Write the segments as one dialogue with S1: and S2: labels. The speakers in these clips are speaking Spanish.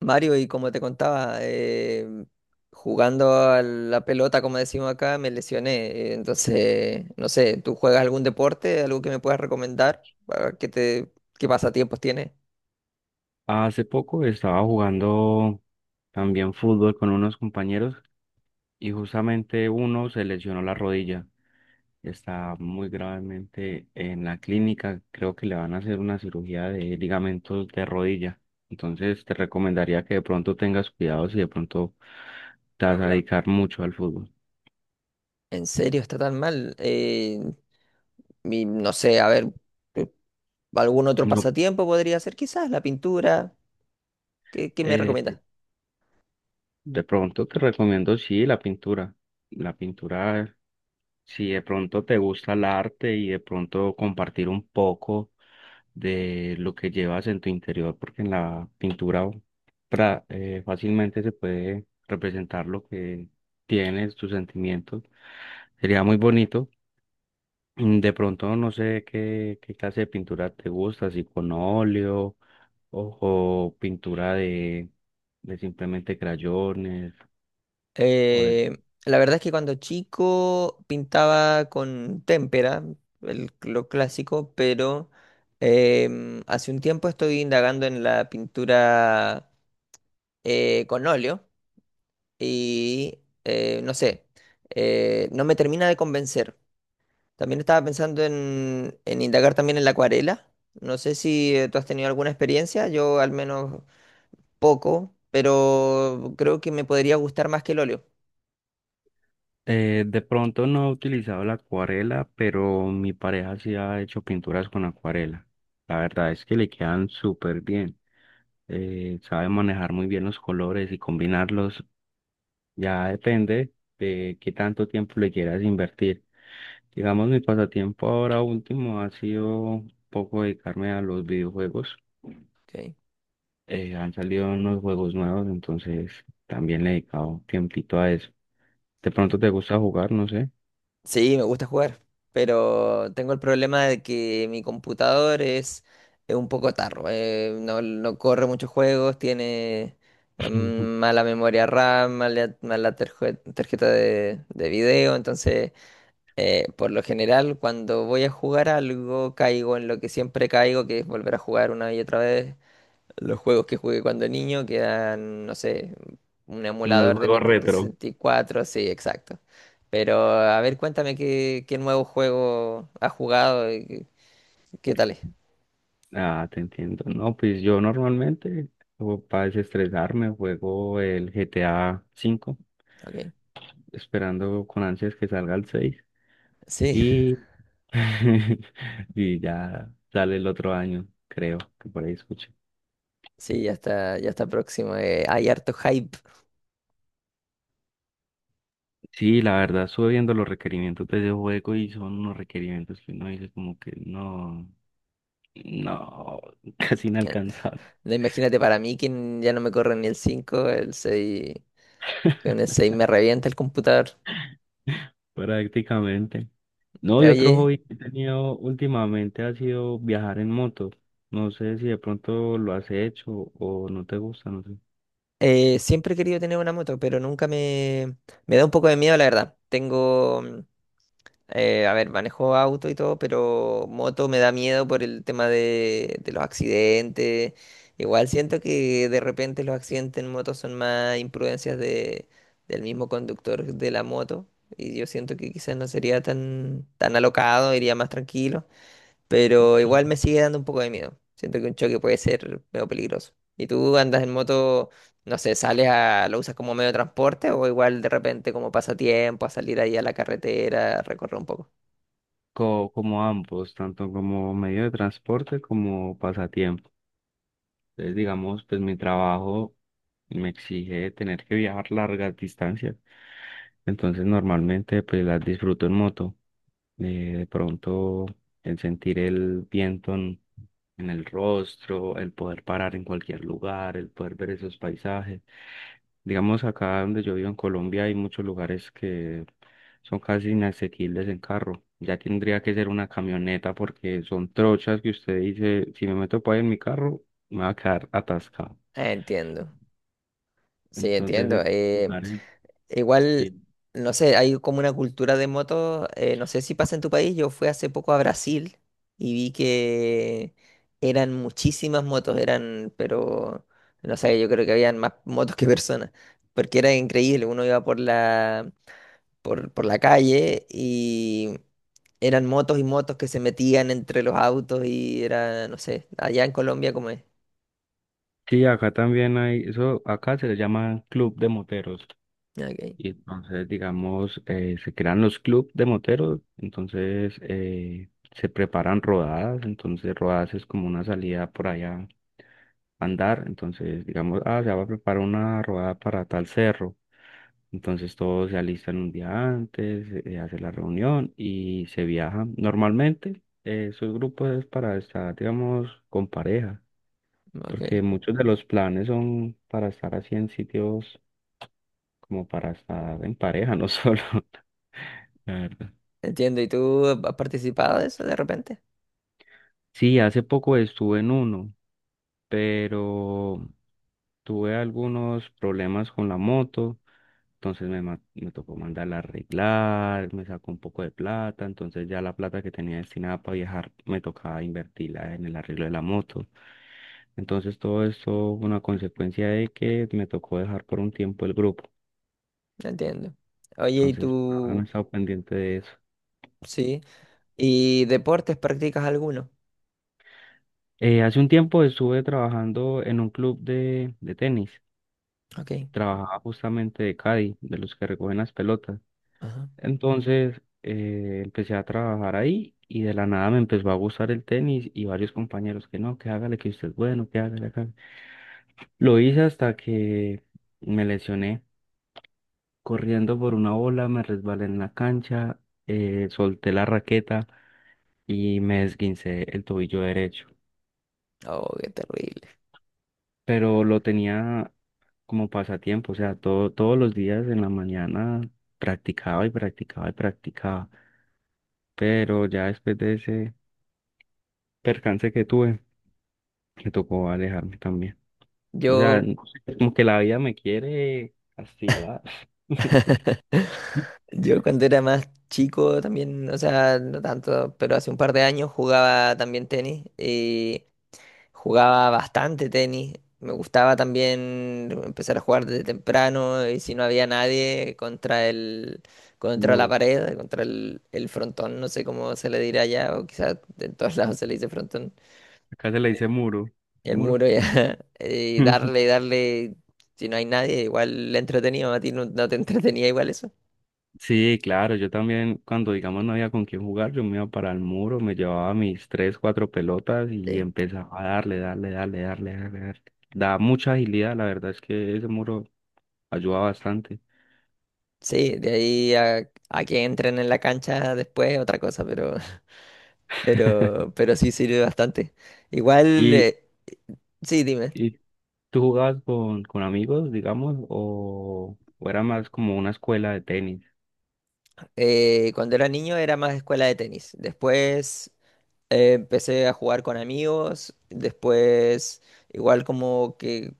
S1: Mario, y como te contaba, jugando a la pelota, como decimos acá, me lesioné. Entonces, no sé, ¿tú juegas algún deporte? ¿Algo que me puedas recomendar? Para ¿Qué qué pasatiempos tienes?
S2: Hace poco estaba jugando también fútbol con unos compañeros y justamente uno se lesionó la rodilla. Está muy gravemente en la clínica. Creo que le van a hacer una cirugía de ligamentos de rodilla. Entonces te recomendaría que de pronto tengas cuidado si de pronto te vas a dedicar mucho al fútbol.
S1: ¿En serio está tan mal? Y no sé, a ver, eh, ¿algún otro
S2: No,
S1: pasatiempo podría ser? Quizás la pintura. ¿Qué, me
S2: eh,
S1: recomiendas?
S2: de pronto te recomiendo sí la pintura. La pintura. Si de pronto te gusta el arte y de pronto compartir un poco de lo que llevas en tu interior, porque en la pintura fácilmente se puede representar lo que tienes, tus sentimientos. Sería muy bonito. De pronto no sé qué clase de pintura te gusta, si con óleo o pintura de simplemente crayones o
S1: Eh, la verdad es que cuando chico pintaba con témpera, lo clásico, pero hace un tiempo estoy indagando en la pintura con óleo y no sé, no me termina de convencer. También estaba pensando en indagar también en la acuarela. No sé si tú has tenido alguna experiencia, yo al menos poco, pero creo que me podría gustar más que el óleo.
S2: De pronto no he utilizado la acuarela, pero mi pareja sí ha hecho pinturas con acuarela. La verdad es que le quedan súper bien. Sabe manejar muy bien los colores y combinarlos. Ya depende de qué tanto tiempo le quieras invertir. Digamos, mi pasatiempo ahora último ha sido un poco dedicarme a los videojuegos.
S1: Ok.
S2: Han salido unos juegos nuevos, entonces también le he dedicado tiempito a eso. De pronto te gusta jugar, no sé.
S1: Sí, me gusta jugar, pero tengo el problema de que mi computador es un poco tarro, no corre muchos juegos, tiene mala memoria RAM, mala tarjeta de video, entonces por lo general cuando voy a jugar algo caigo en lo que siempre caigo, que es volver a jugar una y otra vez. Los juegos que jugué cuando niño quedan, no sé, un
S2: En los
S1: emulador de
S2: juegos
S1: Nintendo
S2: retro.
S1: 64, sí, exacto. Pero a ver, cuéntame qué nuevo juego has jugado y qué tal es.
S2: Ah, te entiendo. No, pues yo normalmente, para desestresarme, juego el GTA 5,
S1: Ok.
S2: esperando con ansias que salga el 6.
S1: Sí,
S2: Y, y ya sale el otro año, creo, que por ahí escuché.
S1: sí, ya está próximo. Hay harto hype.
S2: Sí, la verdad, estuve viendo los requerimientos de ese juego y son unos requerimientos que uno dice como que no, no, casi
S1: Eh,
S2: inalcanzable.
S1: no, Imagínate para mí que ya no me corre ni el cinco, el seis. Con el 6 me revienta el computador.
S2: Prácticamente. No, y otro
S1: Oye,
S2: hobby que he tenido últimamente ha sido viajar en moto. No sé si de pronto lo has hecho o no te gusta, no sé.
S1: siempre he querido tener una moto, pero nunca me da un poco de miedo, la verdad. A ver, manejo auto y todo, pero moto me da miedo por el tema de los accidentes. Igual siento que de repente los accidentes en moto son más imprudencias de, del mismo conductor de la moto. Y yo siento que quizás no sería tan alocado, iría más tranquilo. Pero
S2: Sí.
S1: igual me sigue dando un poco de miedo. Siento que un choque puede ser medio peligroso. ¿Y tú andas en moto, no sé, sales lo usas como medio de transporte o igual de repente como pasatiempo, a salir ahí a la carretera, a recorrer un poco?
S2: Como ambos, tanto como medio de transporte como pasatiempo. Entonces, digamos, pues mi trabajo me exige tener que viajar largas distancias. Entonces, normalmente, pues las disfruto en moto. De pronto, el sentir el viento en el rostro, el poder parar en cualquier lugar, el poder ver esos paisajes. Digamos, acá donde yo vivo en Colombia hay muchos lugares que son casi inasequibles en carro. Ya tendría que ser una camioneta porque son trochas que usted dice, si me meto para en mi carro, me va a quedar atascado.
S1: Entiendo, sí,
S2: Entonces,
S1: entiendo.
S2: lugar es-
S1: Igual,
S2: sí.
S1: no sé, hay como una cultura de motos, no sé si pasa en tu país. Yo fui hace poco a Brasil y vi que eran muchísimas motos, eran, pero, no sé, yo creo que habían más motos que personas, porque era increíble, uno iba por por la calle y eran motos y motos que se metían entre los autos y era, no sé, allá en Colombia como es.
S2: Sí, acá también hay, eso acá se le llama club de moteros.
S1: Ok,
S2: Y entonces, digamos, se crean los club de moteros, entonces se preparan rodadas, entonces rodadas es como una salida por allá a andar, entonces digamos, ah, se va a preparar una rodada para tal cerro. Entonces todos se alistan un día antes, hace la reunión y se viaja. Normalmente esos grupos es para estar, digamos, con pareja,
S1: ok.
S2: porque muchos de los planes son para estar así en sitios como para estar en pareja, no solo, la verdad.
S1: Entiendo, ¿y tú has participado de eso de repente?
S2: Sí, hace poco estuve en uno, pero tuve algunos problemas con la moto, entonces me tocó mandarla a arreglar, me sacó un poco de plata, entonces ya la plata que tenía destinada para viajar me tocaba invertirla en el arreglo de la moto. Entonces todo esto fue una consecuencia de que me tocó dejar por un tiempo el grupo.
S1: Entiendo. Oye, ¿y
S2: Entonces ahora
S1: tú?
S2: no he estado pendiente de eso.
S1: Sí. ¿Y deportes practicas alguno?
S2: Hace un tiempo estuve trabajando en un club de tenis.
S1: Ok.
S2: Trabajaba justamente de caddy, de los que recogen las pelotas.
S1: Ajá.
S2: Entonces empecé a trabajar ahí y de la nada me empezó a gustar el tenis y varios compañeros que no, que hágale, que usted es bueno, que hágale, hágale. Lo hice hasta que me lesioné corriendo por una bola, me resbalé en la cancha, solté la raqueta y me esguincé el tobillo derecho.
S1: Oh, qué terrible.
S2: Pero lo tenía como pasatiempo, o sea, todos los días en la mañana practicaba y practicaba y practicaba. Pero ya después de ese percance que tuve, me tocó alejarme también. O sea,
S1: Yo,
S2: es como que la vida me quiere castigar.
S1: yo cuando era más chico también, o sea, no tanto, pero hace un par de años jugaba también tenis. Y jugaba bastante tenis. Me gustaba también empezar a jugar desde temprano y si no había nadie contra
S2: El
S1: contra la
S2: muro.
S1: pared, contra el frontón, no sé cómo se le dirá allá, o quizás en todos lados se le dice frontón,
S2: Acá se le dice muro. ¿El
S1: el
S2: muro?
S1: muro ya, y darle, si no hay nadie, igual le entretenido, a ti no, no te entretenía igual eso.
S2: Sí, claro, yo también cuando digamos no había con quién jugar, yo me iba para el muro, me llevaba mis tres, cuatro pelotas y
S1: Sí,
S2: empezaba a darle, darle, darle, darle, darle, darle. Da mucha agilidad, la verdad es que ese muro ayuda bastante.
S1: sí, de ahí a que entren en la cancha después, otra cosa, pero, pero sí sirve bastante. Igual,
S2: ¿Y,
S1: sí, dime.
S2: y tú jugabas con amigos, digamos, o era más como una escuela de tenis?
S1: Cuando era niño era más escuela de tenis. Después empecé a jugar con amigos. Después igual como que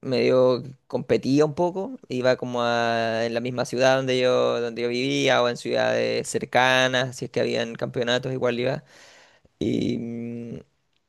S1: medio competía un poco. Iba como a, en la misma ciudad donde donde yo vivía o en ciudades cercanas. Si es que habían campeonatos, igual iba. Y,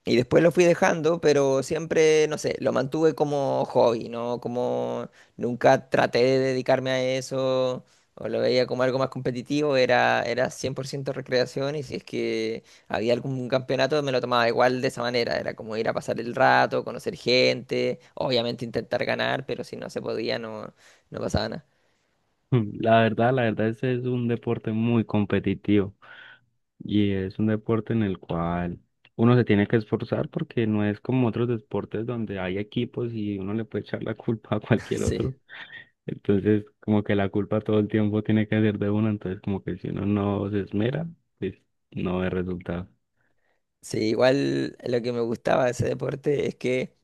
S1: y después lo fui dejando, pero siempre, no sé, lo mantuve como hobby, ¿no? Como nunca traté de dedicarme a eso o lo veía como algo más competitivo, era 100% recreación y si es que había algún campeonato me lo tomaba igual de esa manera, era como ir a pasar el rato, conocer gente, obviamente intentar ganar, pero si no se podía no, no pasaba nada.
S2: La verdad, ese es un deporte muy competitivo y es un deporte en el cual uno se tiene que esforzar porque no es como otros deportes donde hay equipos y uno le puede echar la culpa a cualquier
S1: Sí.
S2: otro. Entonces, como que la culpa todo el tiempo tiene que ser de uno, entonces como que si uno no se esmera, pues no ve resultado.
S1: Sí, igual lo que me gustaba de ese deporte es que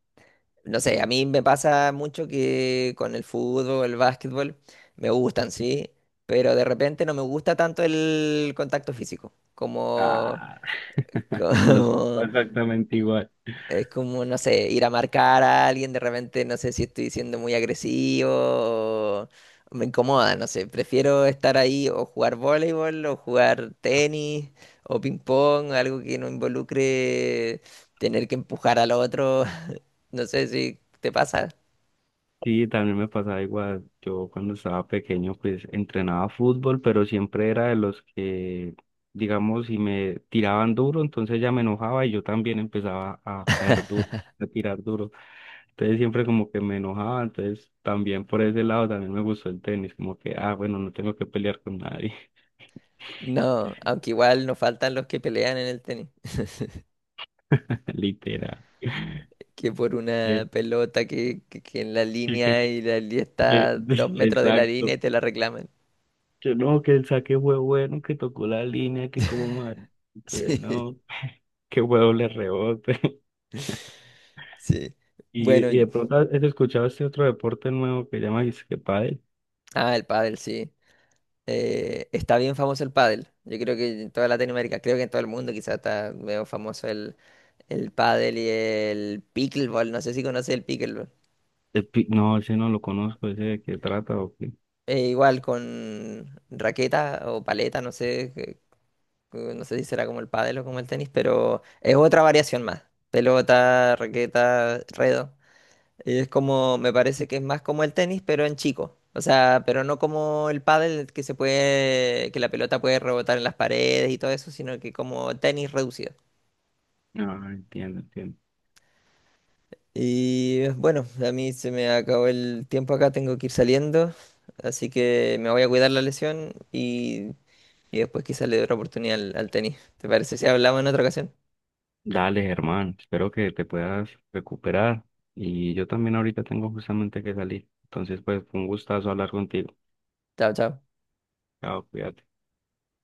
S1: no sé, a mí me pasa mucho que con el fútbol, el básquetbol, me gustan, sí, pero de repente no me gusta tanto el contacto físico, como,
S2: Ah, no es
S1: como
S2: exactamente igual.
S1: es como, no sé, ir a marcar a alguien, de repente no sé si estoy siendo muy agresivo, o me incomoda, no sé, prefiero estar ahí o jugar voleibol o jugar tenis o ping pong, algo que no involucre tener que empujar al otro, no sé si te pasa.
S2: Sí, también me pasaba igual. Yo cuando estaba pequeño, pues entrenaba fútbol, pero siempre era de los que, digamos, si me tiraban duro, entonces ya me enojaba y yo también empezaba a caer duro, a tirar duro. Entonces siempre como que me enojaba, entonces también por ese lado también me gustó el tenis, como que, ah, bueno, no tengo que pelear con nadie,
S1: No, aunque igual nos faltan los que pelean en el tenis,
S2: literal.
S1: que por una
S2: Eh,
S1: pelota que en la
S2: que- que-
S1: línea y la línea está
S2: que-
S1: a dos metros de la línea
S2: Exacto.
S1: y te la reclaman.
S2: Yo no, que el saque fue bueno, que tocó la línea, que como mal, que
S1: Sí,
S2: no, que huevo le rebote.
S1: sí.
S2: Y,
S1: Bueno,
S2: y de pronto has escuchado este otro deporte nuevo que llama dice que pádel.
S1: ah, el pádel, sí. Está bien famoso el pádel. Yo creo que en toda Latinoamérica, creo que en todo el mundo quizás está medio famoso el pádel y el pickleball. No sé si conoces el pickleball.
S2: No, ese no lo conozco, ese de qué trata o qué.
S1: Igual con raqueta o paleta, no sé, no sé si será como el pádel o como el tenis, pero es otra variación más. Pelota, raqueta, redo. Y es como, me parece que es más como el tenis, pero en chico. O sea, pero no como el pádel que se puede, que la pelota puede rebotar en las paredes y todo eso, sino que como tenis reducido.
S2: No, entiendo, entiendo.
S1: Y bueno, a mí se me acabó el tiempo acá, tengo que ir saliendo, así que me voy a cuidar la lesión y después quizás le doy otra oportunidad al tenis. ¿Te parece si hablamos en otra ocasión?
S2: Dale, hermano, espero que te puedas recuperar. Y yo también ahorita tengo justamente que salir. Entonces, pues, fue un gustazo hablar contigo.
S1: Chao, chao.
S2: Chao, cuídate.